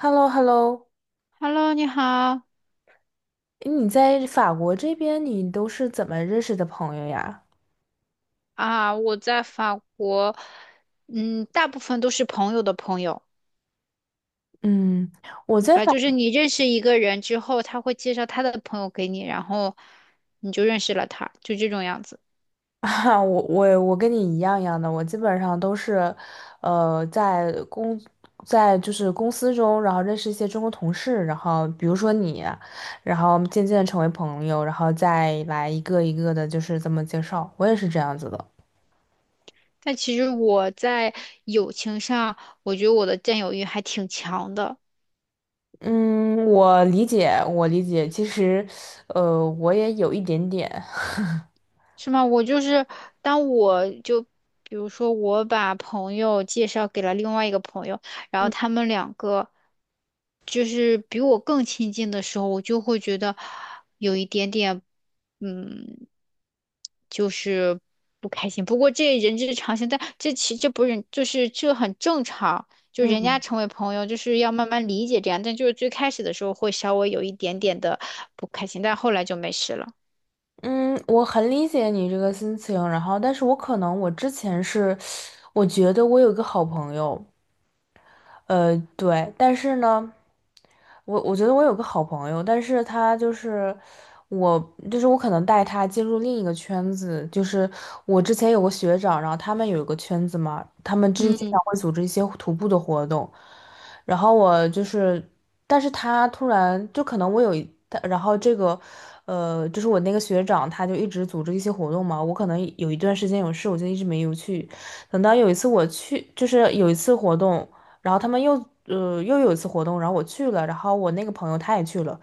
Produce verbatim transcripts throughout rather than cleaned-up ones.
h e l l o h e l l o Hello，你好你在法国这边，你都是怎么认识的朋友呀？啊！我在法国，嗯，大部分都是朋友的朋友，嗯，我明在白？法，就是你认识一个人之后，他会介绍他的朋友给你，然后你就认识了他，就这种样子。啊，我我我跟你一样一样的，我基本上都是，呃，在公，在就是公司中，然后认识一些中国同事，然后比如说你，然后渐渐地成为朋友，然后再来一个一个的，就是这么介绍，我也是这样子的。但其实我在友情上，我觉得我的占有欲还挺强的。嗯，我理解，我理解，其实，呃，我也有一点点。是吗？我就是当我就比如说我把朋友介绍给了另外一个朋友，然后嗯他们两个就是比我更亲近的时候，我就会觉得有一点点，嗯，就是不开心。不过这人之常情，但这其这不是就是这很正常。就人家嗯，成为朋友，就是要慢慢理解这样，但就是最开始的时候会稍微有一点点的不开心，但后来就没事了。嗯，我很理解你这个心情，然后，但是我可能我之前是，我觉得我有一个好朋友，呃，对，但是呢。我我觉得我有个好朋友，但是他就是我，就是我可能带他进入另一个圈子，就是我之前有个学长，然后他们有一个圈子嘛，他们之前经常会组织一些徒步的活动，然后我就是，但是他突然就可能我有一，他然后这个，呃，就是我那个学长他就一直组织一些活动嘛，我可能有一段时间有事，我就一直没有去，等到有一次我去，就是有一次活动。然后他们又呃又有一次活动，然后我去了，然后我那个朋友他也去了，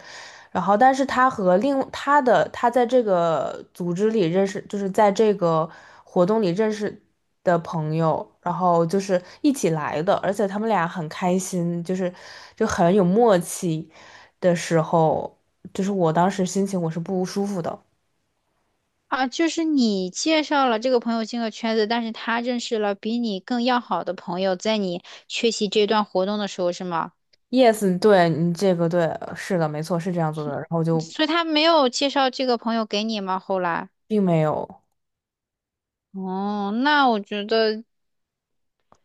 然后但是他和另他的他在这个组织里认识，就是在这个活动里认识的朋友，然后就是一起来的，而且他们俩很开心，就是就很有默契的时候，就是我当时心情我是不舒服的。啊，就是你介绍了这个朋友进了圈子，但是他认识了比你更要好的朋友，在你缺席这段活动的时候，是吗？Yes，对你这个对，是的，没错，是这样子的，然后就所以他没有介绍这个朋友给你吗？后来，并没有。哦，那我觉得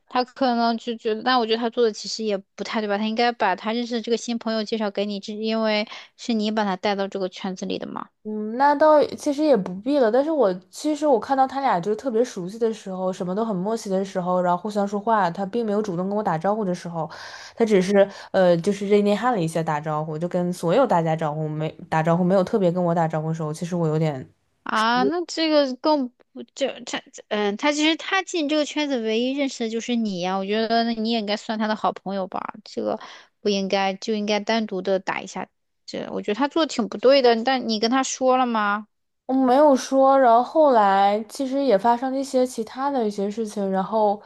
他可能就觉得，那我觉得他做的其实也不太对吧？他应该把他认识的这个新朋友介绍给你，这因为是你把他带到这个圈子里的嘛。嗯，那倒其实也不必了。但是我其实我看到他俩就是特别熟悉的时候，什么都很默契的时候，然后互相说话，他并没有主动跟我打招呼的时候，他只是呃就是热内涵了一下打招呼，就跟所有大家招呼没打招呼，没有特别跟我打招呼的时候，其实我有点啊，那这个更不就他，嗯，他其实他进这个圈子唯一认识的就是你呀、我觉得那你也应该算他的好朋友吧，这个不应该就应该单独的打一下，这我觉得他做的挺不对的，但你跟他说了吗？我没有说，然后后来其实也发生了一些其他的一些事情，然后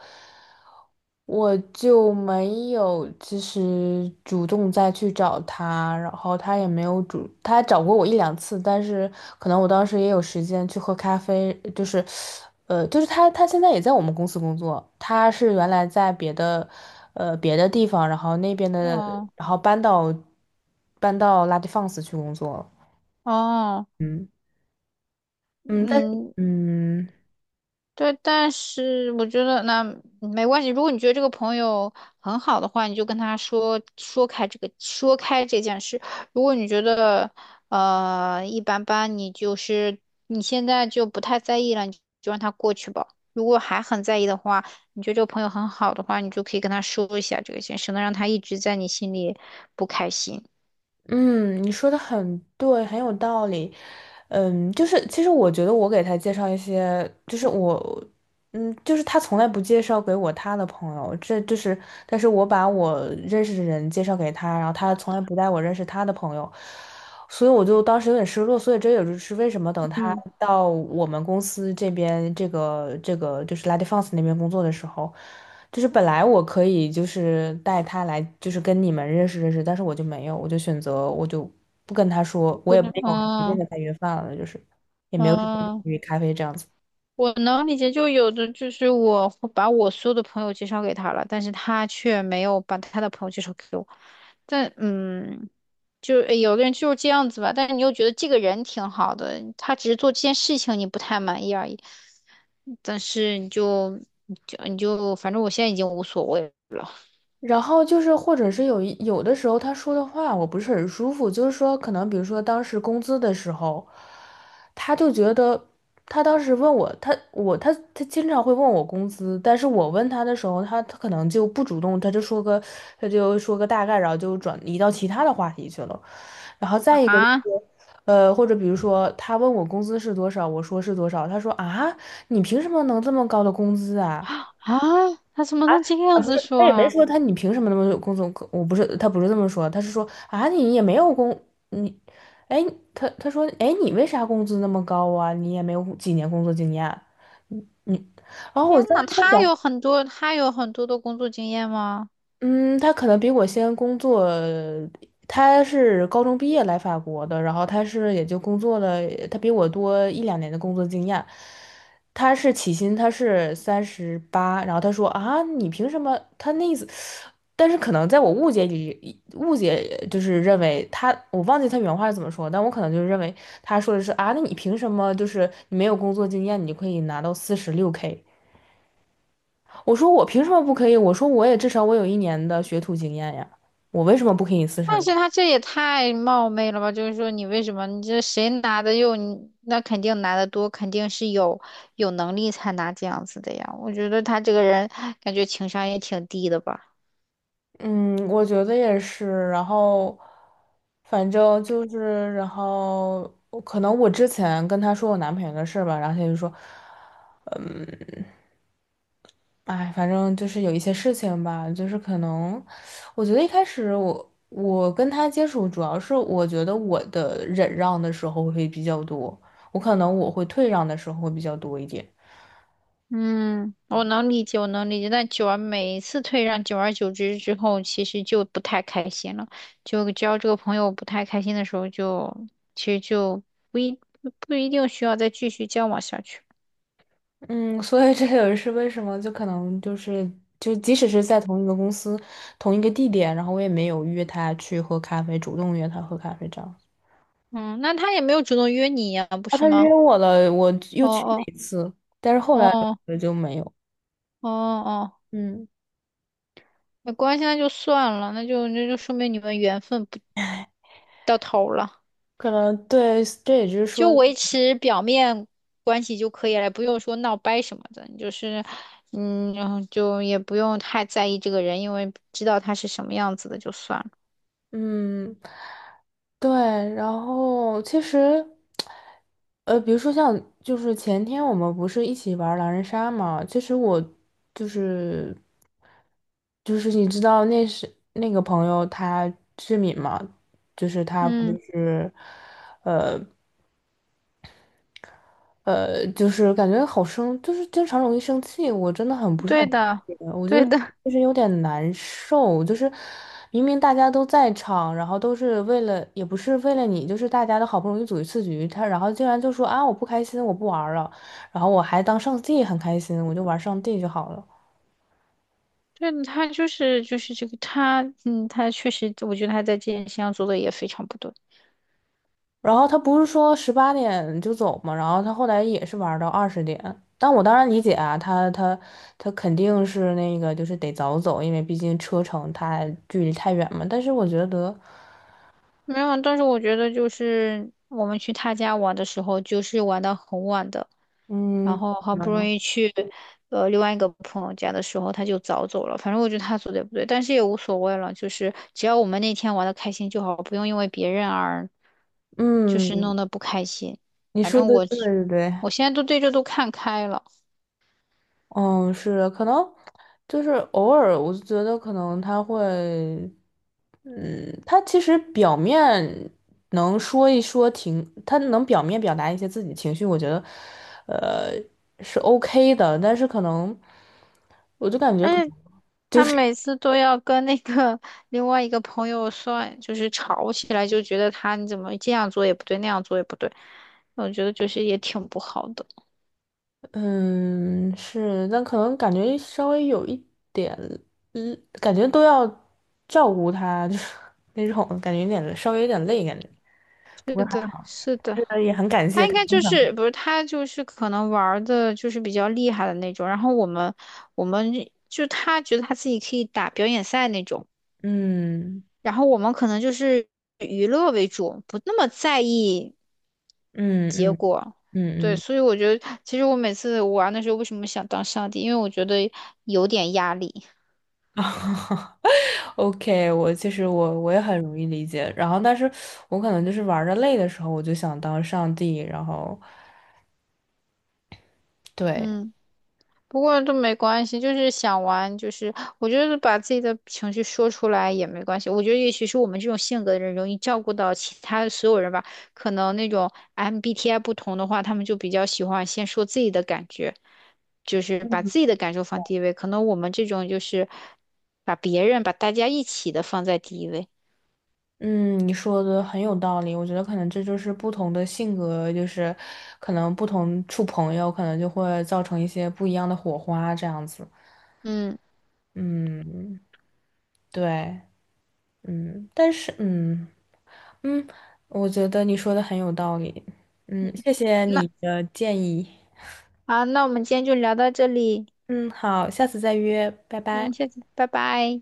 我就没有其实主动再去找他，然后他也没有主，他找过我一两次，但是可能我当时也有时间去喝咖啡，就是，呃，就是他他现在也在我们公司工作，他是原来在别的，呃别的地方，然后那边的，哦然后搬到搬到拉蒂放肆去工作了哦，嗯嗯，但是嗯，嗯。对，但是我觉得那没关系。如果你觉得这个朋友很好的话，你就跟他说说开这个说开这件事。如果你觉得呃一般般，你就是你现在就不太在意了，你就让他过去吧。如果还很在意的话，你觉得这个朋友很好的话，你就可以跟他说一下这个事，省得让他一直在你心里不开心。嗯，你说的很对，很有道理。嗯，就是其实我觉得我给他介绍一些，就是我，嗯，就是他从来不介绍给我他的朋友，这就是，但是我把我认识的人介绍给他，然后他从来不带我认识他的朋友，所以我就当时有点失落，所以这也就是为什么等他嗯，到我们公司这边，这个这个就是 La d é f e n s 那边工作的时候，就是本来我可以就是带他来，就是跟你们认识认识，但是我就没有，我就选择我就不跟他说，我不也没能，有直接嗯跟他约饭了，就是也没有嗯。去咖啡这样子。我能理解，就有的就是我会把我所有的朋友介绍给他了，但是他却没有把他的朋友介绍给我。但嗯，就诶有的人就是这样子吧，但是你又觉得这个人挺好的，他只是做这件事情你不太满意而已。但是你就你就你就，反正我现在已经无所谓了然后就是，或者是有一有的时候他说的话我不是很舒服，就是说可能比如说当时工资的时候，他就觉得他当时问我，他我他他经常会问我工资，但是我问他的时候，他他可能就不主动，他就说个他就说个大概，然后就转移到其他的话题去了。然后再一个就啊 是，呃，或者比如说他问我工资是多少，我说是多少，他说啊，你凭什么能这么高的工资啊？啊！他怎么能这样啊，不子是，他说也没啊？说他你凭什么那么有工作？我不是，他不是这么说，他是说啊，你也没有工，你，哎，他他说，哎，你为啥工资那么高啊？你也没有几年工作经验啊，你，然后我天当呐，时在他想，有很多他有很多的工作经验吗？嗯，他可能比我先工作，他是高中毕业来法国的，然后他是也就工作了，他比我多一两年的工作经验。他是起薪，他是三十八，然后他说啊，你凭什么？他那意思，但是可能在我误解里，误解就是认为他，我忘记他原话是怎么说，但我可能就认为他说的是啊，那你凭什么就是你没有工作经验，你就可以拿到四十六 K？我说我凭什么不可以？我说我也至少我有一年的学徒经验呀，我为什么不可以四十但零？是他这也太冒昧了吧？就是说，你为什么你这谁拿的又你那肯定拿的多，肯定是有有能力才拿这样子的呀。我觉得他这个人感觉情商也挺低的吧。嗯，我觉得也是。然后，反正就是，然后可能我之前跟他说我男朋友的事儿吧，然后他就说，哎，反正就是有一些事情吧，就是可能，我觉得一开始我我跟他接触，主要是我觉得我的忍让的时候会比较多，我可能我会退让的时候会比较多一点。嗯，我能理解，我能理解。但久而每一次退让，久而久之之后，其实就不太开心了。就交这个朋友不太开心的时候就，其实就不一不一定需要再继续交往下去。嗯，所以这也是为什么，就可能就是，就即使是在同一个公司、同一个地点，然后我也没有约他去喝咖啡，主动约他喝咖啡这样。嗯，那他也没有主动约你呀，不啊，是他吗？约我了，我又哦去了哦一次，但是后来哦，我就没有。哦哦，嗯，没关系，那就算了，那就那就说明你们缘分不到头了，可能对，这也就是说，就维持表面关系就可以了，不用说闹掰什么的，你就是嗯，然后就也不用太在意这个人，因为知道他是什么样子的就算了。嗯，对，然后其实，呃，比如说像就是前天我们不是一起玩狼人杀嘛，其实我就是就是你知道那是那个朋友他志敏嘛，就是他不嗯，是。呃。呃，就是感觉好生，就是经常容易生气，我真的很不是很对的，理解我就对的，就是有点难受，就是明明大家都在场，然后都是为了，也不是为了你，就是大家都好不容易组一次局，他然后竟然就说啊我不开心，我不玩儿了，然后我还当上帝很开心，我就玩上帝就好了。对的，他就是就是这个他，嗯，他确实，我觉得他在这件事情上做的也非常不对。然后他不是说十八点就走嘛，然后他后来也是玩儿到二十点。但我当然理解啊，他他他肯定是那个就是得早走，因为毕竟车程太距离太远嘛。但是我觉得，没有，但是我觉得就是我们去他家玩的时候，就是玩到很晚的，嗯，然后好不容嗯，易去呃另外一个朋友家的时候，他就早走了。反正我觉得他做的也不对，但是也无所谓了，就是只要我们那天玩的开心就好，不用因为别人而就是嗯弄得不开心。你反说正的我对对对，我现在都对这都看开了。嗯，是的可能就是偶尔，我就觉得可能他会，嗯，他其实表面能说一说情，他能表面表达一些自己情绪，我觉得，呃，是 OK 的，但是可能，我就感觉可哎，能就他是，每次都要跟那个另外一个朋友算，就是吵起来，就觉得他你怎么这样做也不对，那样做也不对，我觉得就是也挺不好的。嗯，是，但可能感觉稍微有一点，嗯，感觉都要照顾他，就是那种感觉有点稍微有点累，感觉，不是过还的，好。是的，是的，也很感他谢应他该经就常，是不是他就是可能玩儿的就是比较厉害的那种，然后我们我们就他觉得他自己可以打表演赛那种，嗯然后我们可能就是娱乐为主，不那么在意。嗯嗯嗯对，嗯 所以我觉得，其实我每次玩的时候，为什么想当上帝？因为我觉得有点压力。啊，OK，我其实我我也很容易理解，然后但是我可能就是玩的累的时候，我就想当上帝，然后对，嗯，不过都没关系，就是想玩，就是我觉得把自己的情绪说出来也没关系。我觉得也许是我们这种性格的人容易照顾到其他的所有人吧。可能那种 M B T I 不同的话，他们就比较喜欢先说自己的感觉，就是把自己的感受放第一位。可能我们这种就是把别人、把大家一起的放在第一位。嗯，你说的很有道理，我觉得可能这就是不同的性格，就是可能不同处朋友，可能就会造成一些不一样的火花这样子，嗯，嗯，对，嗯，但是嗯。嗯，我觉得你说的很有道理。嗯，谢谢那你的建议。好，那我们今天就聊到这里，嗯，好，下次再约，拜拜。嗯，下次拜拜。